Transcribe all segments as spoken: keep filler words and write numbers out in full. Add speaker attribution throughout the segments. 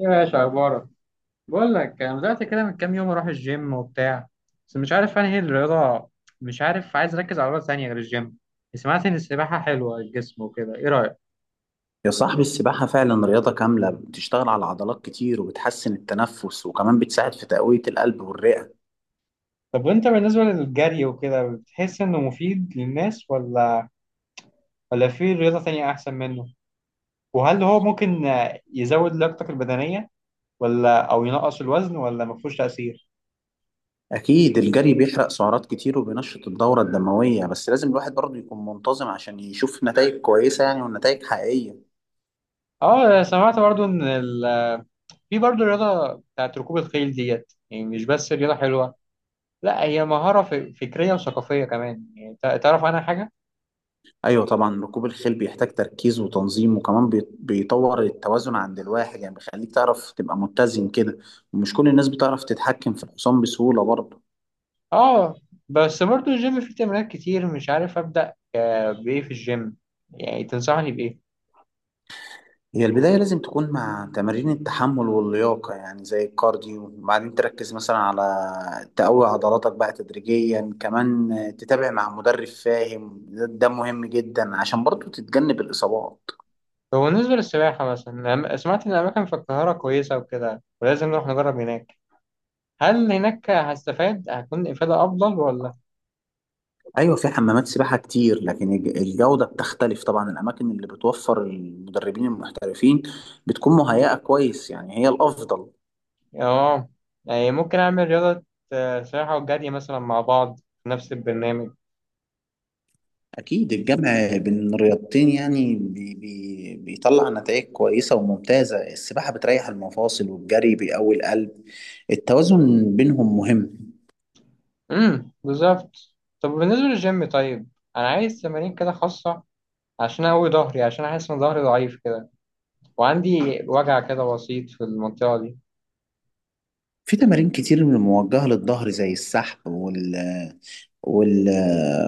Speaker 1: يا باشا اخبارك؟ بقول لك انا بدات كده من كام يوم اروح الجيم وبتاع. بس مش عارف انهي الرياضه. مش عارف، عايز اركز على رياضه ثانيه غير الجيم. سمعت ان السباحه حلوه للجسم وكده، ايه رايك؟
Speaker 2: يا صاحبي، السباحة فعلا رياضة كاملة بتشتغل على عضلات كتير وبتحسن التنفس وكمان بتساعد في تقوية القلب والرئة.
Speaker 1: طب وانت بالنسبه للجري وكده، بتحس انه مفيد للناس ولا ولا في رياضه ثانيه احسن منه؟ وهل هو ممكن آه، يزود لياقتك البدنيه ولا او ينقص الوزن ولا ما فيهوش تاثير؟
Speaker 2: أكيد الجري بيحرق سعرات كتير وبينشط الدورة الدموية، بس لازم الواحد برضه يكون منتظم عشان يشوف نتائج كويسة، يعني ونتائج حقيقية.
Speaker 1: اه، سمعت برضو ان ال- في برضو رياضه بتاعت ركوب الخيل ديت. يعني مش بس رياضه حلوه، لا هي مهارة ف- فكرية وثقافية كمان. يعني تع- تعرف عنها حاجة؟
Speaker 2: أيوة طبعا، ركوب الخيل بيحتاج تركيز وتنظيم وكمان بي- بيطور التوازن عند الواحد، يعني بيخليك تعرف تبقى متزن كده. ومش كل الناس بتعرف تتحكم في الحصان بسهولة برضه.
Speaker 1: اه. بس برضو الجيم فيه تمرينات كتير، مش عارف أبدأ آه، بإيه في الجيم. يعني تنصحني بإيه؟
Speaker 2: هي البداية لازم تكون مع تمارين التحمل واللياقة يعني زي الكارديو، وبعدين تركز مثلا على تقوي عضلاتك بقى تدريجيا، كمان تتابع مع مدرب فاهم. ده ده مهم جدا عشان برضو تتجنب الإصابات.
Speaker 1: هو بالنسبة للسباحة مثلا، أنا سمعت إن الأماكن في القاهرة كويسة وكده، ولازم نروح نجرب هناك. هل هناك هستفاد، هتكون إفادة أفضل ولا؟
Speaker 2: أيوة في حمامات سباحة كتير، لكن الج- الجودة بتختلف. طبعا الأماكن اللي بتوفر المدربين المحترفين بتكون مهيئة كويس، يعني هي الأفضل.
Speaker 1: اه. يعني ممكن أعمل رياضة آه، سباحة وجري مثلا مع بعض في نفس البرنامج.
Speaker 2: أكيد الجمع بين الرياضتين يعني بي بي بيطلع نتائج كويسة وممتازة. السباحة بتريح المفاصل والجري بيقوي القلب، التوازن بينهم مهم.
Speaker 1: امم، بالظبط. طب بالنسبة للجيم طيب، أنا عايز تمارين كده خاصة عشان أقوي ظهري، عشان أحس إن ظهري ضعيف كده وعندي وجع كده بسيط في المنطقة دي.
Speaker 2: في تمارين كتير موجهة للظهر زي السحب وال وال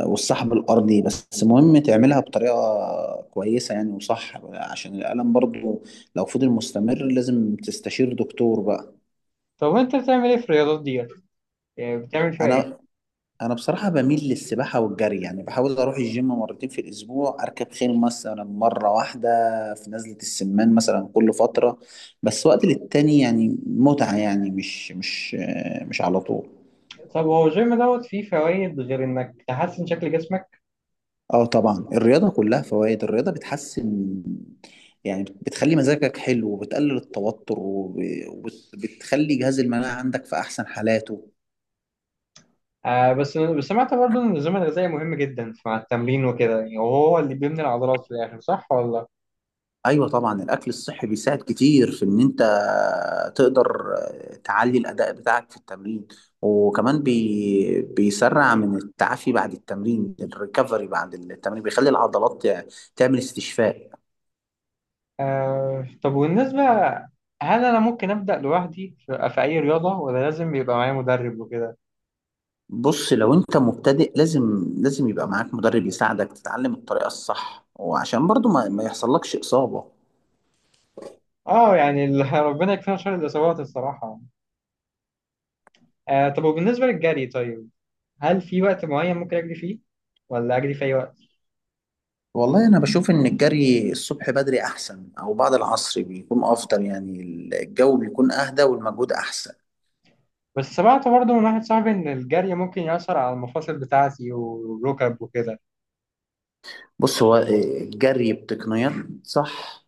Speaker 2: والسحب الأرضي، بس مهم تعملها بطريقة كويسة يعني وصح. عشان الألم برضو لو فضل مستمر لازم تستشير دكتور بقى.
Speaker 1: طب وأنت بتعمل إيه في الرياضات دي؟ يعني بتعمل فيها إيه؟
Speaker 2: أنا انا بصراحه بميل للسباحه والجري، يعني بحاول اروح الجيم مرتين في الاسبوع، اركب خيل مثلا مره واحده في نزله السمان مثلا كل فتره. بس وقت للتاني يعني متعه، يعني مش مش مش على طول.
Speaker 1: طب هو الجيم دوت فيه فوائد غير إنك تحسن شكل جسمك؟
Speaker 2: اه طبعا، الرياضه كلها فوائد. الرياضه بتحسن، يعني بتخلي مزاجك حلو وبتقلل التوتر وب- وبتخلي جهاز المناعه عندك في احسن حالاته.
Speaker 1: آه. بس بس سمعت برضه إن النظام الغذائي مهم جدا مع التمرين وكده، يعني وهو اللي بيبني العضلات في الآخر، صح ولا؟
Speaker 2: ايوه طبعا، الاكل الصحي بيساعد كتير في ان انت تقدر تعلي الاداء بتاعك في التمرين، وكمان بي بيسرع من التعافي بعد التمرين. الريكفري بعد التمرين بيخلي العضلات تعمل استشفاء.
Speaker 1: آه. طب والنسبة، هل أنا ممكن أبدأ لوحدي في في أي رياضة ولا لازم يبقى معايا مدرب وكده؟
Speaker 2: بص لو انت مبتدئ، لازم لازم يبقى معاك مدرب يساعدك تتعلم الطريقة الصح، وعشان برضو ما, ما يحصلكش إصابة.
Speaker 1: آه، يعني ال- ربنا يكفينا شر الإصابات الصراحة. آه. طب وبالنسبة للجري طيب؟ هل في وقت معين ممكن أجري فيه ولا أجري في أي وقت؟
Speaker 2: والله أنا بشوف إن الجري الصبح بدري أحسن، أو بعد العصر بيكون أفضل، يعني الجو بيكون أهدى والمجهود أحسن.
Speaker 1: بس سمعت برضه من واحد صاحبي إن الجري ممكن يأثر على المفاصل بتاعتي والركب وكده.
Speaker 2: بص هو آه، الجري بتقنيات صح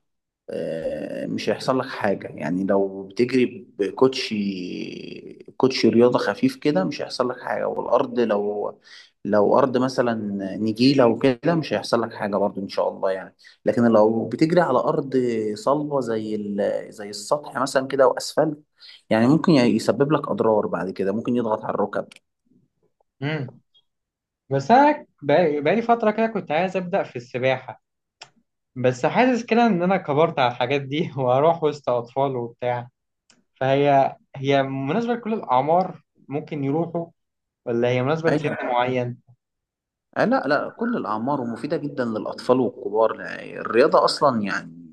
Speaker 2: آه، مش هيحصل لك حاجة. يعني لو بتجري بكوتشي كوتشي رياضة خفيف كده مش هيحصل لك حاجة، والأرض لو لو أرض مثلا نجيلة وكده مش هيحصل لك حاجة برضو إن شاء الله يعني. لكن لو بتجري على أرض صلبة زي ال- زي السطح مثلا كده وأسفلت، يعني ممكن يسبب لك أضرار بعد كده، ممكن يضغط على الركب.
Speaker 1: امم بس أنا بقالي بقالي فترة كده كنت عايز أبدأ في السباحة. بس حاسس كده إن أنا كبرت على الحاجات دي وأروح وسط أطفال وبتاع. فهي هي مناسبة لكل الأعمار، ممكن يروحوا؟ ولا هي مناسبة لسن
Speaker 2: أيوة
Speaker 1: معين؟
Speaker 2: آه، لا لا، كل الأعمار، ومفيدة جدا للأطفال والكبار. يعني الرياضة أصلا يعني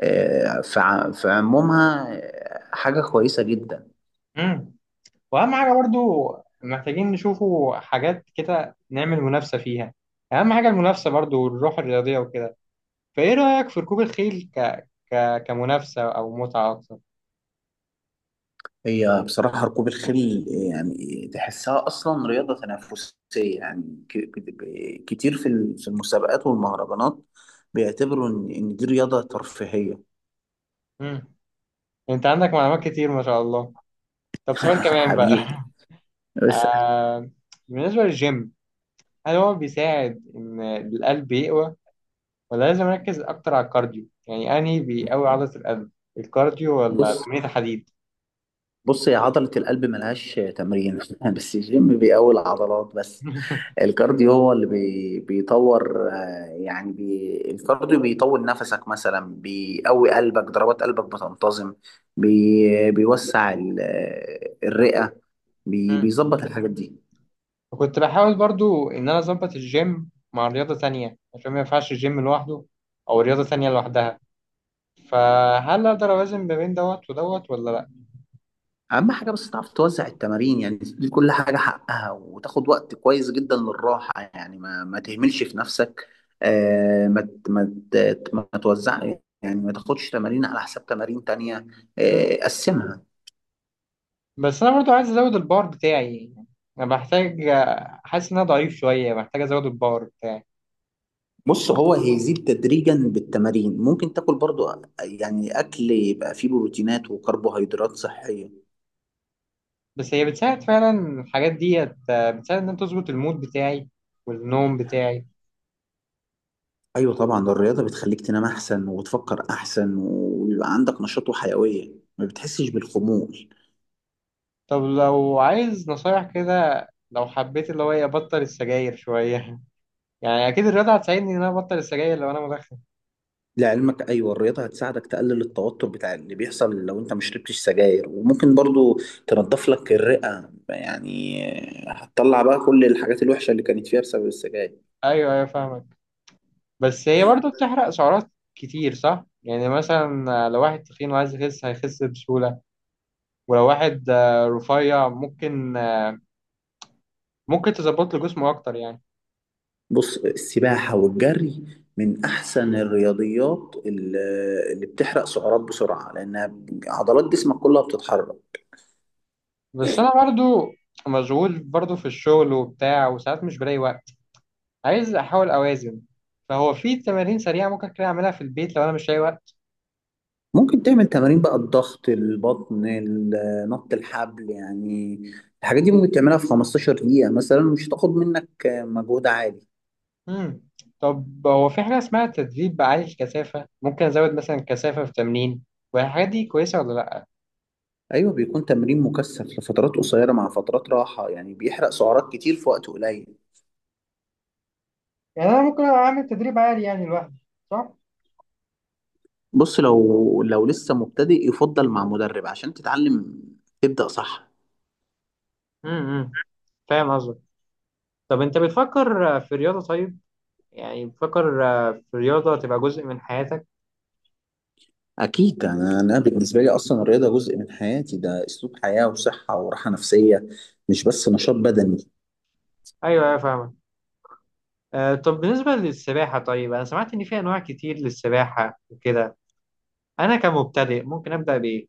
Speaker 2: آه، في ع- في عمومها آه، حاجة كويسة جدا.
Speaker 1: امم واهم حاجه برضو، محتاجين نشوفوا حاجات كده نعمل منافسه فيها. اهم حاجه المنافسه برضو والروح الرياضيه وكده. فايه رايك في ركوب الخيل ك... ك... كمنافسه او متعه اكتر؟
Speaker 2: هي بصراحة ركوب الخيل آه، يعني تحسها أصلا رياضة تنافسية، يعني ك- ك- كتير في ال- في المسابقات والمهرجانات بيعتبروا إن إن دي رياضة ترفيهية.
Speaker 1: مم. انت عندك معلومات كتير ما شاء الله. طب سؤال كمان بقى
Speaker 2: حبيبي بس.
Speaker 1: آه... بالنسبه للجيم، هل هو بيساعد ان القلب يقوى؟ ولا لازم اركز اكتر على الكارديو؟ يعني انهي بيقوي عضله القلب، الكارديو ولا
Speaker 2: بص
Speaker 1: تمرين الحديد؟
Speaker 2: بص يا عضلة القلب ملهاش تمرين بس الجيم بيقوي العضلات بس. الكارديو هو اللي بي بيطور آه، يعني بي الكارديو بيطول نفسك مثلا، بيقوي قلبك، ضربات قلبك بتنتظم، بي بيوسع ال- آه، الرئة، بي بيظبط الحاجات دي.
Speaker 1: وكنت بحاول برضو إن أنا أظبط الجيم مع رياضة تانية عشان ما ينفعش الجيم لوحده أو رياضة تانية لوحدها. فهل أقدر أوازن ما بين دوت ودوت ولا لأ؟
Speaker 2: أهم حاجة بس تعرف توزع التمارين، يعني تدي كل حاجة حقها وتاخد وقت كويس جدا للراحة، يعني ما, ما تهملش في نفسك. آه، ما ت- ما ت- ما توزع، يعني ما تاخدش تمارين على حساب تمارين تانية.
Speaker 1: مم.
Speaker 2: آه، قسمها.
Speaker 1: بس أنا برضو عايز أزود البار بتاعي. أنا بحتاج، حاسس إن أنا ضعيف شوية، محتاج أزود البار بتاعي.
Speaker 2: بص هو هيزيد تدريجا بالتمارين، ممكن تاكل برضو، يعني اكل يبقى فيه بروتينات وكربوهيدرات صحية.
Speaker 1: بس هي بتساعد فعلا الحاجات ديت؟ بتساعد إن أنا تظبط المود بتاعي والنوم بتاعي؟
Speaker 2: ايوه طبعا، ده الرياضة بتخليك تنام احسن وتفكر احسن ويبقى عندك نشاط وحيوية، ما بتحسش بالخمول.
Speaker 1: طب لو عايز نصايح كده، لو حبيت اللي هو إيه، أبطل السجاير شوية يعني أكيد الرياضة هتساعدني إن أنا أبطل السجاير لو أنا.
Speaker 2: لعلمك ايوه، الرياضة هتساعدك تقلل التوتر بتاع اللي بيحصل لو انت ما شربتش سجاير، وممكن برضو تنضف لك الرئة، يعني هتطلع بقى كل الحاجات الوحشة اللي كانت فيها بسبب السجاير.
Speaker 1: ايوه ايوه، فاهمك. بس هي برضو بتحرق سعرات كتير صح؟ يعني مثلا لو واحد تخين وعايز يخس هيخس بسهولة، ولو واحد آه، رفيع ممكن آه، ممكن تظبط له جسمه اكتر يعني.
Speaker 2: بص السباحة والجري من أحسن الرياضيات ال- اللي بتحرق سعرات بسرعة، لأنها عضلات جسمك كلها بتتحرك.
Speaker 1: بس انا برضو مشغول برضو في الشغل وبتاع، وساعات مش بلاقي وقت، عايز احاول اوازن. فهو في تمارين سريعة ممكن كده اعملها في البيت لو انا مش لاقي وقت؟
Speaker 2: ممكن تعمل تمارين بقى الضغط، البطن، ال- نط الحبل، يعني الحاجات دي ممكن تعملها في خمسة عشر دقيقة مثلا، مش هتاخد منك مجهود عالي.
Speaker 1: مم. طب هو في حاجة اسمها تدريب عالي الكثافة ممكن ازود مثلا كثافة في تمرين والحاجات دي كويسة ولا لا؟
Speaker 2: أيوة بيكون تمرين مكثف لفترات قصيرة مع فترات راحة، يعني بيحرق سعرات كتير في وقت قليل.
Speaker 1: يعني انا ممكن اعمل تدريب عالي يعني لوحدي، صح؟
Speaker 2: بص لو لو لسه مبتدئ يفضل مع مدرب عشان تتعلم تبدأ صح.
Speaker 1: امم فاهم قصدك. طب انت بتفكر آه، في رياضة طيب، يعني بتفكر آه، في رياضة تبقى جزء من حياتك؟
Speaker 2: أكيد أنا أنا بالنسبة لي أصلا الرياضة جزء من حياتي، ده أسلوب حياة وصحة وراحة نفسية، مش بس نشاط بدني.
Speaker 1: ايوه ايوه، فاهمك. آه، طب بالنسبة للسباحة طيب، انا سمعت ان في انواع كتير للسباحة وكده، انا كمبتدئ ممكن ابدأ بايه؟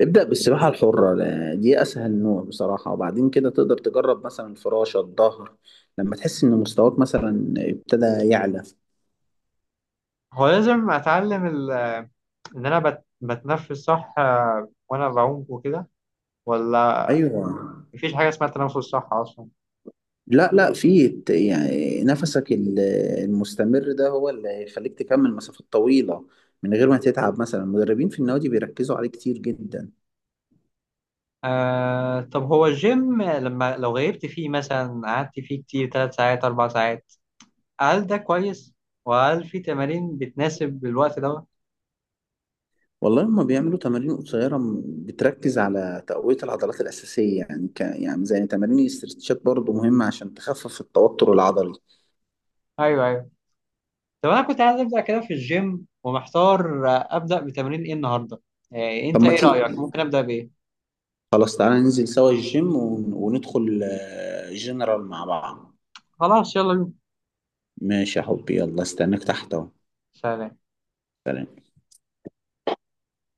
Speaker 2: ابدأ بالسباحة الحرة، لا- دي أسهل نوع بصراحة، وبعدين كده تقدر تجرب مثلا الفراشة، الظهر، لما تحس إن مستواك مثلا ابتدى يعلى.
Speaker 1: هو لازم اتعلم ال... ان انا بت... بتنفس صح آه، وانا بعوم وكده؟ ولا
Speaker 2: أيوه،
Speaker 1: مفيش حاجة اسمها التنفس صح اصلا؟
Speaker 2: لا لا، في ت- يعني نفسك ال- المستمر ده هو اللي هيخليك تكمل مسافات طويلة من غير ما تتعب. مثلا المدربين في النوادي بيركزوا عليه كتير جدا.
Speaker 1: آه. طب هو الجيم لما لو غيبت فيه مثلا قعدت فيه كتير ثلاث ساعات أربع ساعات، هل ده كويس؟ وهل في تمارين بتناسب الوقت ده؟
Speaker 2: والله هما بيعملوا تمارين قصيرة م- بتركز على تقوية العضلات الأساسية، يعني ك... يعني زي تمارين الاسترتشات برضو مهمة عشان تخفف التوتر العضلي.
Speaker 1: أيوه أيوه. طب أنا كنت عايز أبدأ كده في الجيم ومحتار آه، أبدأ بتمرين إيه النهاردة؟ آه،
Speaker 2: طب
Speaker 1: أنت
Speaker 2: ما
Speaker 1: إيه رأيك؟
Speaker 2: تيجي،
Speaker 1: ممكن أبدأ بإيه؟
Speaker 2: خلاص تعالى ننزل سوا الجيم ون... وندخل آه، جنرال مع بعض.
Speaker 1: خلاص يلا بينا.
Speaker 2: ماشي يا حبي، يلا استناك تحت أهو.
Speaker 1: سلام.
Speaker 2: سلام.